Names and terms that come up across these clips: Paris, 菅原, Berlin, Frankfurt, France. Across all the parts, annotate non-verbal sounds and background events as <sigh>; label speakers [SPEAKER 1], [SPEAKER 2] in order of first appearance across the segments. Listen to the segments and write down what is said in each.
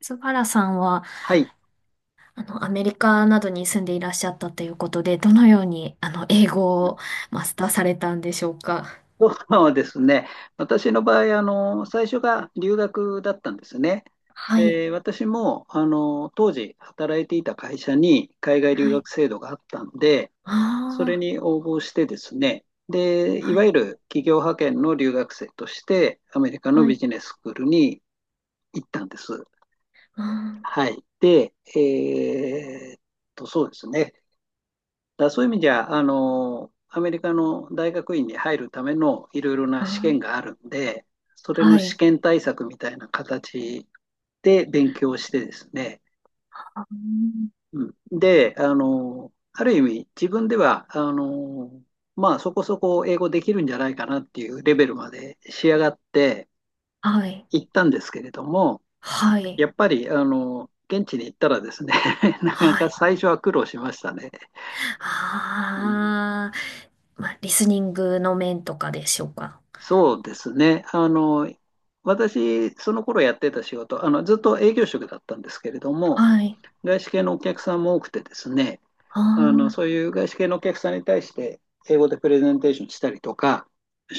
[SPEAKER 1] 菅原さんは、
[SPEAKER 2] はい。
[SPEAKER 1] アメリカなどに住んでいらっしゃったということで、どのように、英語をマスターされたんでしょうか？
[SPEAKER 2] そうですね。私の場合、あの、最初が留学だったんですね。
[SPEAKER 1] はい。
[SPEAKER 2] で、私も、あの、当時働いていた会社に海外留
[SPEAKER 1] はい。
[SPEAKER 2] 学制度があったんで、それ
[SPEAKER 1] あ
[SPEAKER 2] に応募してですね、で、
[SPEAKER 1] あ、
[SPEAKER 2] い
[SPEAKER 1] は
[SPEAKER 2] わ
[SPEAKER 1] い。
[SPEAKER 2] ゆる企業派遣の留学生として、アメリカの
[SPEAKER 1] は
[SPEAKER 2] ビ
[SPEAKER 1] い。
[SPEAKER 2] ジネススクールに行ったんです。
[SPEAKER 1] あー
[SPEAKER 2] はい。で、そうですね。だからそういう意味じゃ、あの、アメリカの大学院に入るためのいろいろな
[SPEAKER 1] あ
[SPEAKER 2] 試験
[SPEAKER 1] ー、
[SPEAKER 2] があるんで、それ
[SPEAKER 1] は
[SPEAKER 2] の試
[SPEAKER 1] い。
[SPEAKER 2] 験対策みたいな形で勉強してですね、
[SPEAKER 1] あー、
[SPEAKER 2] うん、で、あの、ある意味自分では、あの、まあそこそこ英語できるんじゃないかなっていうレベルまで仕上がって
[SPEAKER 1] はい。
[SPEAKER 2] 行ったんですけれども、
[SPEAKER 1] はい。
[SPEAKER 2] やっぱり、あの、現地に行ったらですね、<laughs> なかな
[SPEAKER 1] は
[SPEAKER 2] か
[SPEAKER 1] い。
[SPEAKER 2] 最初は苦労しましたね。うん
[SPEAKER 1] ああ、まあ、リスニングの面とかでしょうか？
[SPEAKER 2] そうですね。あの、私、その頃やってた仕事、あの、ずっと営業職だったんですけれども、
[SPEAKER 1] はい。
[SPEAKER 2] 外資系のお客さんも多くてですね、
[SPEAKER 1] あ
[SPEAKER 2] あの、
[SPEAKER 1] あ、
[SPEAKER 2] そういう外資系のお客さんに対して、英語でプレゼンテーションしたりとか、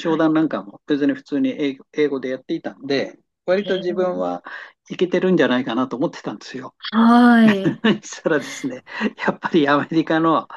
[SPEAKER 1] はい。
[SPEAKER 2] 談なんかも別に普通に英語でやっていたんで、割
[SPEAKER 1] え
[SPEAKER 2] と自分
[SPEAKER 1] ー、
[SPEAKER 2] はイケてるんじゃないかなと思ってたんですよ。
[SPEAKER 1] はい。
[SPEAKER 2] <laughs> したらですね、やっぱりアメリカの、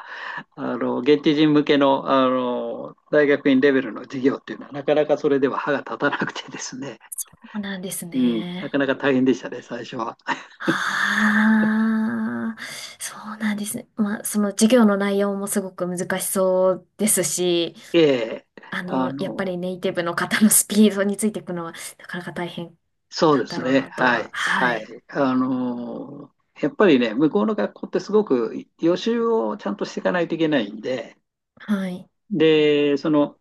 [SPEAKER 2] あの現地人向けの、あの大学院レベルの授業っていうのは、なかなかそれでは歯が立たなくてですね、
[SPEAKER 1] そうなんです
[SPEAKER 2] うん、なか
[SPEAKER 1] ね。
[SPEAKER 2] なか大変でしたね、最初は。<laughs>
[SPEAKER 1] ああ、そうなんですね。まあ、その授業の内容もすごく難しそうですし、
[SPEAKER 2] ええあ
[SPEAKER 1] やっぱ
[SPEAKER 2] の、
[SPEAKER 1] りネイティブの方のスピードについていくのはなかなか大変
[SPEAKER 2] そう
[SPEAKER 1] な
[SPEAKER 2] で
[SPEAKER 1] んだ
[SPEAKER 2] す
[SPEAKER 1] ろう
[SPEAKER 2] ね、
[SPEAKER 1] なと
[SPEAKER 2] は
[SPEAKER 1] は。
[SPEAKER 2] い、
[SPEAKER 1] は
[SPEAKER 2] は
[SPEAKER 1] い。
[SPEAKER 2] い。あの、やっぱりね、向こうの学校ってすごく予習をちゃんとしていかないといけないんで、
[SPEAKER 1] はい。
[SPEAKER 2] で、その、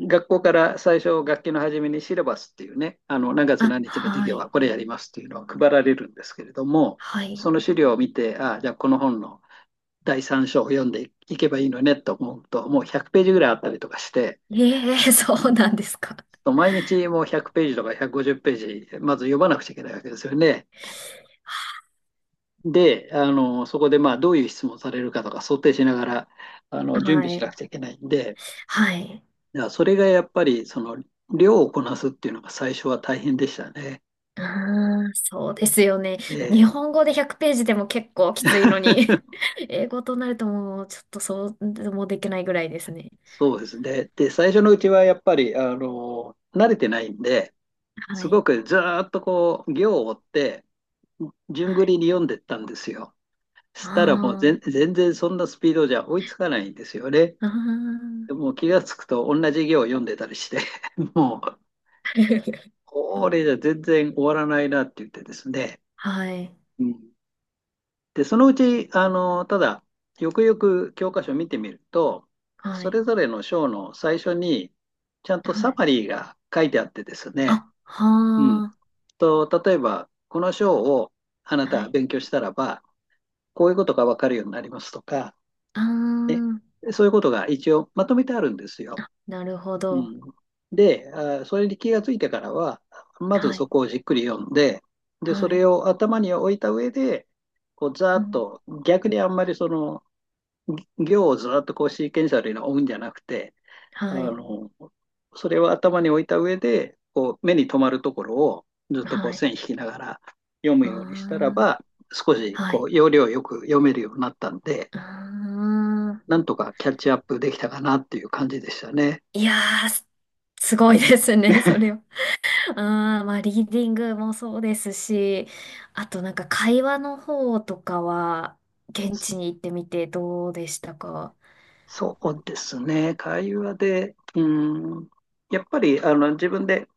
[SPEAKER 2] 学校から最初、学期の初めにシラバスっていうね、あの何月
[SPEAKER 1] あ、
[SPEAKER 2] 何日の授
[SPEAKER 1] は
[SPEAKER 2] 業は
[SPEAKER 1] い。
[SPEAKER 2] これやりますっていうのは配られるんですけれども、
[SPEAKER 1] はい。
[SPEAKER 2] その資料を見て、ああ、じゃあこの本の第3章を読んでいけばいいのねと思うと、もう100ページぐらいあったりとかして、
[SPEAKER 1] ええ、<laughs> そうなんですか。
[SPEAKER 2] 毎日もう100ページとか150ページ、まず読まなくちゃいけないわけですよね。で、あのそこでまあどういう質問されるかとか想定しながらあの準備
[SPEAKER 1] は
[SPEAKER 2] しなく
[SPEAKER 1] い。
[SPEAKER 2] ちゃいけないんで、
[SPEAKER 1] はい。
[SPEAKER 2] それがやっぱりその量をこなすっていうのが最初は大変でしたね。
[SPEAKER 1] うーん、そうですよね。
[SPEAKER 2] え
[SPEAKER 1] 日
[SPEAKER 2] え、
[SPEAKER 1] 本語で100ページでも結構きついのに、<laughs> 英語となるともうちょっとそうでもできないぐらいですね。
[SPEAKER 2] そうですね。で、最初のうちはやっぱり、あの、慣れてないんで、
[SPEAKER 1] は
[SPEAKER 2] すご
[SPEAKER 1] い。
[SPEAKER 2] くずーっとこう、行を追って、順
[SPEAKER 1] は
[SPEAKER 2] 繰り
[SPEAKER 1] い。
[SPEAKER 2] に読んでったんですよ。し
[SPEAKER 1] あ
[SPEAKER 2] たらもう全然そんなスピードじゃ追いつかないんですよね。
[SPEAKER 1] あ、あ
[SPEAKER 2] で
[SPEAKER 1] あ、
[SPEAKER 2] もう気がつくと同じ行を読んでたりして、<laughs> もう、
[SPEAKER 1] <laughs>
[SPEAKER 2] これじゃ全然終わらないなって言ってですね。
[SPEAKER 1] はい、
[SPEAKER 2] うんで、そのうち、あの、ただ、よくよく教科書を見てみると、
[SPEAKER 1] は
[SPEAKER 2] そ
[SPEAKER 1] い、
[SPEAKER 2] れぞれの章の最初に、ちゃんと
[SPEAKER 1] は
[SPEAKER 2] サ
[SPEAKER 1] い。
[SPEAKER 2] マリーが書いてあってですね、
[SPEAKER 1] あ、
[SPEAKER 2] うん。
[SPEAKER 1] は
[SPEAKER 2] と、例えば、この章をあな
[SPEAKER 1] あ、
[SPEAKER 2] た
[SPEAKER 1] は
[SPEAKER 2] は
[SPEAKER 1] い、
[SPEAKER 2] 勉強したらば、こういうことがわかるようになりますとか、
[SPEAKER 1] あ
[SPEAKER 2] ね、
[SPEAKER 1] あ、
[SPEAKER 2] そういうことが一応まとめてあるんですよ。
[SPEAKER 1] なるほ
[SPEAKER 2] う
[SPEAKER 1] ど。
[SPEAKER 2] ん。で、あー、それに気がついてからは、まず
[SPEAKER 1] は
[SPEAKER 2] そ
[SPEAKER 1] い、
[SPEAKER 2] こをじっくり読んで、で、そ
[SPEAKER 1] はい、
[SPEAKER 2] れを頭に置いた上で、こう、ざー
[SPEAKER 1] う
[SPEAKER 2] っ
[SPEAKER 1] ん、
[SPEAKER 2] と、逆にあんまりその、行をずっとこうシーケンシャルに追うんじゃなくて、あ
[SPEAKER 1] はい、
[SPEAKER 2] の、それを頭に置いた上で、こう目に留まるところをずっとこう
[SPEAKER 1] はい、
[SPEAKER 2] 線引きながら読む
[SPEAKER 1] あ
[SPEAKER 2] ようにしたらば、少し
[SPEAKER 1] あ、は
[SPEAKER 2] こ
[SPEAKER 1] い、
[SPEAKER 2] う要領よく読めるようになったんで、
[SPEAKER 1] ああ。
[SPEAKER 2] なんとかキャッチアップできたかなっていう感じでしたね。
[SPEAKER 1] いやー、すごいですね、<laughs> それは。ああ、まあ、リーディングもそうですし、あとなんか会話の方とかは、現地に行ってみてどうでしたか？
[SPEAKER 2] そうですね。会話で、うん、やっぱりあの自分で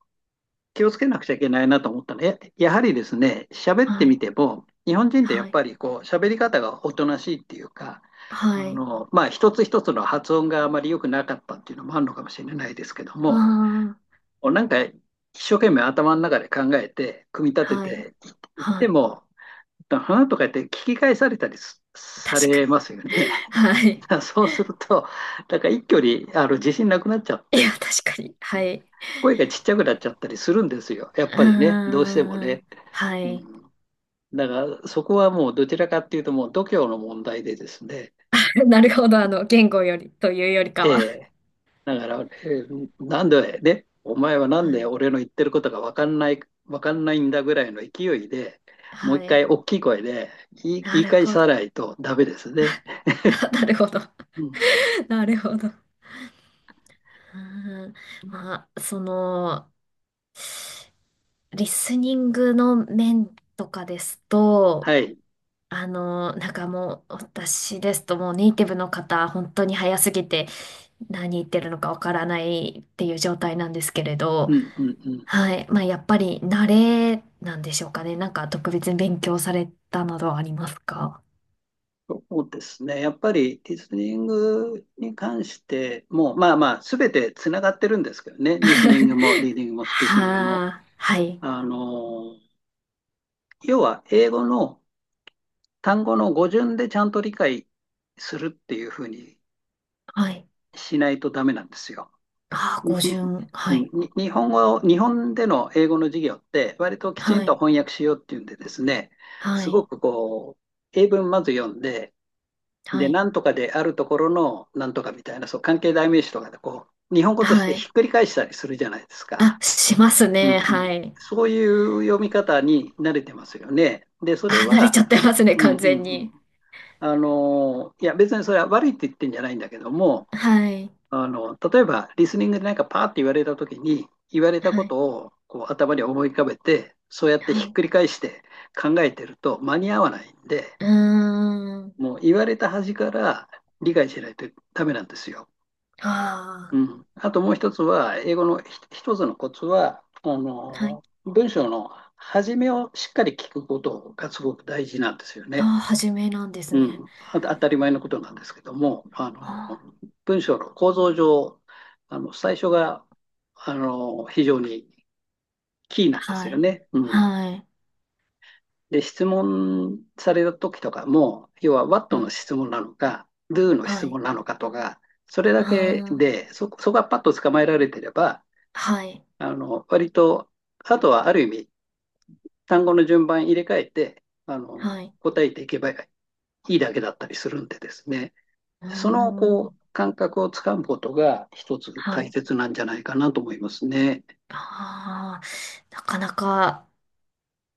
[SPEAKER 2] 気をつけなくちゃいけないなと思ったのはやはりですね、喋って
[SPEAKER 1] は
[SPEAKER 2] み
[SPEAKER 1] い、
[SPEAKER 2] ても、日本人ってやっ
[SPEAKER 1] はい。
[SPEAKER 2] ぱりこう喋り方がおとなしいっていうか、あ
[SPEAKER 1] はい。
[SPEAKER 2] の、まあ、一つ一つの発音があまり良くなかったっていうのもあるのかもしれないですけど
[SPEAKER 1] あ
[SPEAKER 2] も、
[SPEAKER 1] あ、
[SPEAKER 2] こうなんか一生懸命頭の中で考えて、組み立て
[SPEAKER 1] はい。
[SPEAKER 2] ていっ
[SPEAKER 1] は
[SPEAKER 2] て
[SPEAKER 1] い。
[SPEAKER 2] も、花とか言って聞き返されたりす
[SPEAKER 1] 確
[SPEAKER 2] さ
[SPEAKER 1] か
[SPEAKER 2] れ
[SPEAKER 1] に。
[SPEAKER 2] ますよね。
[SPEAKER 1] <laughs>
[SPEAKER 2] <laughs>
[SPEAKER 1] は
[SPEAKER 2] だ
[SPEAKER 1] い。
[SPEAKER 2] からそうすると、なんか一挙にあの自信なくなっちゃっ
[SPEAKER 1] いや、
[SPEAKER 2] て、
[SPEAKER 1] 確かに。はい。
[SPEAKER 2] 声がちっちゃくなっちゃったりするんですよ。やっ
[SPEAKER 1] あ
[SPEAKER 2] ぱりね、どうしても
[SPEAKER 1] あ、
[SPEAKER 2] ね。
[SPEAKER 1] は
[SPEAKER 2] う
[SPEAKER 1] い。
[SPEAKER 2] んだから、そこはもうどちらかっていうと、もう度胸の問題でですね、
[SPEAKER 1] <laughs> なるほど。言語より、というより
[SPEAKER 2] え
[SPEAKER 1] かは。
[SPEAKER 2] え、だから、ええなんでね、お前はなん
[SPEAKER 1] は
[SPEAKER 2] で
[SPEAKER 1] い。
[SPEAKER 2] 俺の言ってることが分かんない、わかんないんだぐらいの勢いで、もう
[SPEAKER 1] は
[SPEAKER 2] 一回
[SPEAKER 1] い。
[SPEAKER 2] 大きい声で
[SPEAKER 1] な
[SPEAKER 2] 言い
[SPEAKER 1] る
[SPEAKER 2] 返
[SPEAKER 1] ほど。
[SPEAKER 2] さ
[SPEAKER 1] <laughs>
[SPEAKER 2] ないとダメですね。
[SPEAKER 1] あ、なるほど。
[SPEAKER 2] うん、
[SPEAKER 1] <laughs> なるほど。うーん。まあ、その、リスニングの面とかですと、
[SPEAKER 2] はい。
[SPEAKER 1] なんかもう、私ですともうネイティブの方、本当に早すぎて、何言ってるのかわからないっていう状態なんですけれ
[SPEAKER 2] う
[SPEAKER 1] ど、
[SPEAKER 2] ん、うん、うん。
[SPEAKER 1] はい。まあ、やっぱり慣れなんでしょうかね。なんか特別に勉強されたなどはありますか？
[SPEAKER 2] そうですね。やっぱりリスニングに関しても、まあまあ、すべてつながってるんですけどね。リスニングも、リー
[SPEAKER 1] <laughs>
[SPEAKER 2] ディングも、スピーキングも。
[SPEAKER 1] はあ、<laughs> はい、
[SPEAKER 2] あの要は英語の単語の語順でちゃんと理解するっていうふうに
[SPEAKER 1] はい。
[SPEAKER 2] しないとダメなんですよ。
[SPEAKER 1] ああ、
[SPEAKER 2] に
[SPEAKER 1] 語順、はい、
[SPEAKER 2] に日本での英語の授業って割ときち
[SPEAKER 1] は
[SPEAKER 2] んと
[SPEAKER 1] い、
[SPEAKER 2] 翻訳しようっていうんでですね、
[SPEAKER 1] は
[SPEAKER 2] すご
[SPEAKER 1] い、
[SPEAKER 2] くこう、英文まず読んで、
[SPEAKER 1] は
[SPEAKER 2] で、
[SPEAKER 1] い、
[SPEAKER 2] なんとかであるところのなんとかみたいな、そう、関係代名詞とかでこう、日本語とし
[SPEAKER 1] は
[SPEAKER 2] てひっ
[SPEAKER 1] い。
[SPEAKER 2] くり返したりするじゃないです
[SPEAKER 1] あ、
[SPEAKER 2] か。
[SPEAKER 1] します
[SPEAKER 2] うん
[SPEAKER 1] ね、
[SPEAKER 2] う
[SPEAKER 1] は
[SPEAKER 2] ん、
[SPEAKER 1] い。
[SPEAKER 2] そういう読み方に慣れてますよね。で、それ
[SPEAKER 1] あ、慣れ
[SPEAKER 2] は、
[SPEAKER 1] ちゃってますね、
[SPEAKER 2] うん
[SPEAKER 1] 完
[SPEAKER 2] うんう
[SPEAKER 1] 全に。
[SPEAKER 2] ん。あの、いや、別にそれは悪いって言ってんじゃないんだけども、
[SPEAKER 1] はい、
[SPEAKER 2] あの、例えば、リスニングでなんかパーって言われたときに、言われた
[SPEAKER 1] は
[SPEAKER 2] こ
[SPEAKER 1] い、
[SPEAKER 2] とをこう頭に思い浮かべて、そうやってひ
[SPEAKER 1] は
[SPEAKER 2] っ
[SPEAKER 1] い。
[SPEAKER 2] くり返して考えてると間に合わないんで、
[SPEAKER 1] うーん。
[SPEAKER 2] もう言われた端から理解しないとダメなんですよ。
[SPEAKER 1] あ
[SPEAKER 2] うん。あともう一つは、英語の一つのコツは、あ
[SPEAKER 1] あ、はい。
[SPEAKER 2] の、文章の始めをしっかり聞くことがすごく大事なんですよ
[SPEAKER 1] あ
[SPEAKER 2] ね。
[SPEAKER 1] あ、初めなんです
[SPEAKER 2] う
[SPEAKER 1] ね。
[SPEAKER 2] ん、あ当たり前のことなんですけども、あの、
[SPEAKER 1] ああ、
[SPEAKER 2] 文章の構造上、あの、最初が、あの、非常にキーなんです
[SPEAKER 1] は
[SPEAKER 2] よ
[SPEAKER 1] い。
[SPEAKER 2] ね。うん。
[SPEAKER 1] はい。
[SPEAKER 2] で、質問された時とかも、要は
[SPEAKER 1] は
[SPEAKER 2] What の
[SPEAKER 1] い。
[SPEAKER 2] 質問なのか、Do の
[SPEAKER 1] は
[SPEAKER 2] 質
[SPEAKER 1] い。
[SPEAKER 2] 問なのかとか、それ
[SPEAKER 1] あ
[SPEAKER 2] だけ
[SPEAKER 1] ー、
[SPEAKER 2] で、そこがパッと捕まえられてれば、
[SPEAKER 1] はい。
[SPEAKER 2] あの、割と、あとはある意味、単語の順番入れ替えて、あの、
[SPEAKER 1] はい。
[SPEAKER 2] 答えていけばいいだけだったりするんでですね。
[SPEAKER 1] うー
[SPEAKER 2] そのこ
[SPEAKER 1] ん。
[SPEAKER 2] う感覚をつかむことが一つ
[SPEAKER 1] は
[SPEAKER 2] 大
[SPEAKER 1] い。
[SPEAKER 2] 切なんじゃないかなと思いますね。
[SPEAKER 1] ああ、なかなか、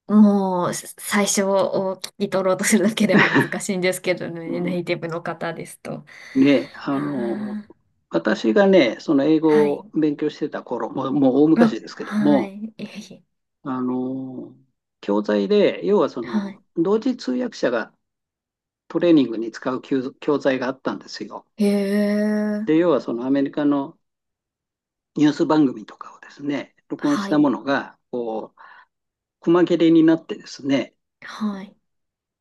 [SPEAKER 1] もう、最初を聞き取ろうとするだけでも難しいんですけど
[SPEAKER 2] う
[SPEAKER 1] ね、
[SPEAKER 2] ん、
[SPEAKER 1] ネイティブの方ですと。う
[SPEAKER 2] ね、あ
[SPEAKER 1] ー
[SPEAKER 2] の、
[SPEAKER 1] ん。
[SPEAKER 2] 私がね、その英
[SPEAKER 1] は
[SPEAKER 2] 語を
[SPEAKER 1] い。
[SPEAKER 2] 勉強してた頃、もう大
[SPEAKER 1] あ、
[SPEAKER 2] 昔ですけど
[SPEAKER 1] は
[SPEAKER 2] も、
[SPEAKER 1] い。いえいえ、
[SPEAKER 2] あの、教材で、要はそ
[SPEAKER 1] は
[SPEAKER 2] の、
[SPEAKER 1] い。
[SPEAKER 2] 同時通訳者がトレーニングに使う教材があったんですよ。
[SPEAKER 1] へえ。
[SPEAKER 2] で、要はそのアメリカのニュース番組とかをですね、録音
[SPEAKER 1] は
[SPEAKER 2] した
[SPEAKER 1] い。
[SPEAKER 2] ものが、こう、細切れになってですね、
[SPEAKER 1] はい。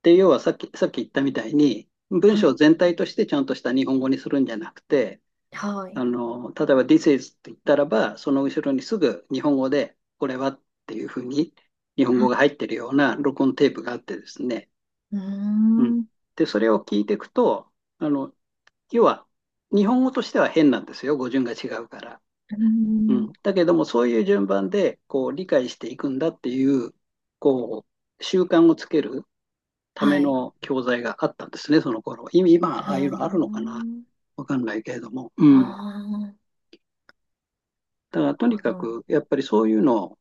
[SPEAKER 2] で、要はさっき言ったみたいに、文
[SPEAKER 1] は
[SPEAKER 2] 章
[SPEAKER 1] い。
[SPEAKER 2] 全体としてちゃんとした日本語にするんじゃなくて、
[SPEAKER 1] は
[SPEAKER 2] あ
[SPEAKER 1] い。
[SPEAKER 2] の、例えば This is って言ったらば、その後ろにすぐ日本語で、これはっていうふうに日本語
[SPEAKER 1] あ、
[SPEAKER 2] が入ってるような録音テープがあってですね。
[SPEAKER 1] うー
[SPEAKER 2] うん。
[SPEAKER 1] ん。う
[SPEAKER 2] で、それを聞いていくと、あの、要は日本語としては変なんですよ。語順が違うから。
[SPEAKER 1] ー
[SPEAKER 2] う
[SPEAKER 1] ん。
[SPEAKER 2] ん。だけども、そういう順番で、こう、理解していくんだっていう、こう、習慣をつけるた
[SPEAKER 1] は
[SPEAKER 2] め
[SPEAKER 1] い。
[SPEAKER 2] の教材があったんですね、その頃。今
[SPEAKER 1] う
[SPEAKER 2] ああいう
[SPEAKER 1] ー
[SPEAKER 2] のあるのかな
[SPEAKER 1] ん。
[SPEAKER 2] わかんないけれども。う
[SPEAKER 1] あ
[SPEAKER 2] ん。
[SPEAKER 1] あ、なる
[SPEAKER 2] だからとに
[SPEAKER 1] ほ
[SPEAKER 2] か
[SPEAKER 1] ど。
[SPEAKER 2] く、やっぱりそういうの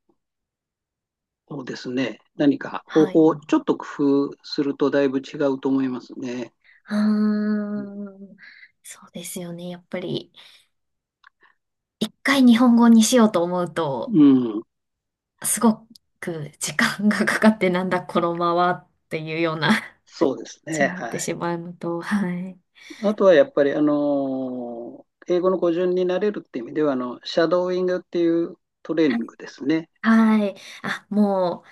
[SPEAKER 2] をですね、何か方
[SPEAKER 1] はい。
[SPEAKER 2] 法をちょっと工夫するとだいぶ違うと思いますね。
[SPEAKER 1] ああ、
[SPEAKER 2] う
[SPEAKER 1] そうですよね。やっぱり、一回日本語にしようと思うと、
[SPEAKER 2] ん。
[SPEAKER 1] すごく時間がかかって、なんだこのままっていうような感
[SPEAKER 2] そうです
[SPEAKER 1] じ
[SPEAKER 2] ね。
[SPEAKER 1] になって
[SPEAKER 2] は
[SPEAKER 1] し
[SPEAKER 2] い。
[SPEAKER 1] まうのと、はい。
[SPEAKER 2] あとはやっぱり、あのー英語の語順になれるっていう意味では、あの、シャドーイングっていうトレーニングですね。
[SPEAKER 1] はい。あ、も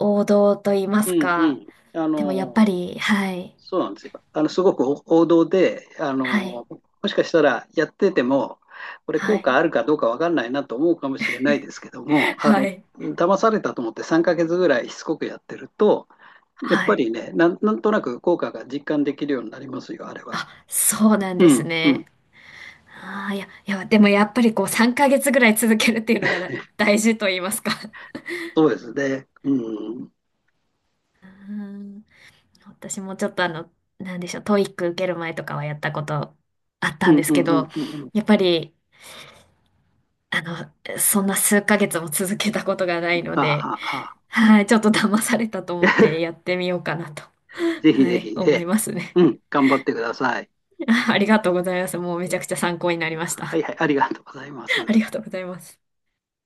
[SPEAKER 1] う、王道と言いま
[SPEAKER 2] う
[SPEAKER 1] す
[SPEAKER 2] んう
[SPEAKER 1] か。
[SPEAKER 2] ん。あ
[SPEAKER 1] でもやっ
[SPEAKER 2] の
[SPEAKER 1] ぱり、はい。
[SPEAKER 2] そうなんですよ。あの、すごく王道で、あ
[SPEAKER 1] はい。
[SPEAKER 2] の、もしかしたらやってても、これ
[SPEAKER 1] は
[SPEAKER 2] 効果
[SPEAKER 1] い。
[SPEAKER 2] あるかどうかわかんないなと思うかもしれないですけども、あ
[SPEAKER 1] は
[SPEAKER 2] の、
[SPEAKER 1] い。
[SPEAKER 2] 騙されたと思って3ヶ月ぐらいしつこくやってると、やっ
[SPEAKER 1] は
[SPEAKER 2] ぱ
[SPEAKER 1] い。
[SPEAKER 2] りね、なんとなく効果が実感できるようになりますよ、あれは。
[SPEAKER 1] あ、そうなん
[SPEAKER 2] う
[SPEAKER 1] です
[SPEAKER 2] ん、うん、
[SPEAKER 1] ね。ああ、いや、いや、でもやっぱりこう3ヶ月ぐらい続けるっていうのが大事と言いますか。
[SPEAKER 2] そうですね。うん、うん、
[SPEAKER 1] うーん。私もちょっとなんでしょう、トイック受ける前とかはやったことあっ
[SPEAKER 2] う
[SPEAKER 1] たん
[SPEAKER 2] ん、
[SPEAKER 1] です
[SPEAKER 2] うん、
[SPEAKER 1] け
[SPEAKER 2] うん
[SPEAKER 1] ど、
[SPEAKER 2] うん。
[SPEAKER 1] やっぱり、そんな数ヶ月も続けたことがないの
[SPEAKER 2] あ
[SPEAKER 1] で、
[SPEAKER 2] あ、ああ。
[SPEAKER 1] はい、ちょっと騙されたと思ってや
[SPEAKER 2] <laughs>
[SPEAKER 1] ってみようかなと、
[SPEAKER 2] ぜひ
[SPEAKER 1] は
[SPEAKER 2] ぜ
[SPEAKER 1] い、
[SPEAKER 2] ひ、え
[SPEAKER 1] 思い
[SPEAKER 2] え、
[SPEAKER 1] ますね。
[SPEAKER 2] うん、頑張ってください。
[SPEAKER 1] ありがとうございます。もう
[SPEAKER 2] は
[SPEAKER 1] めち
[SPEAKER 2] い、
[SPEAKER 1] ゃくちゃ参考になりまし
[SPEAKER 2] は
[SPEAKER 1] た。
[SPEAKER 2] い、はいありがとうございます。
[SPEAKER 1] ありがとうございます。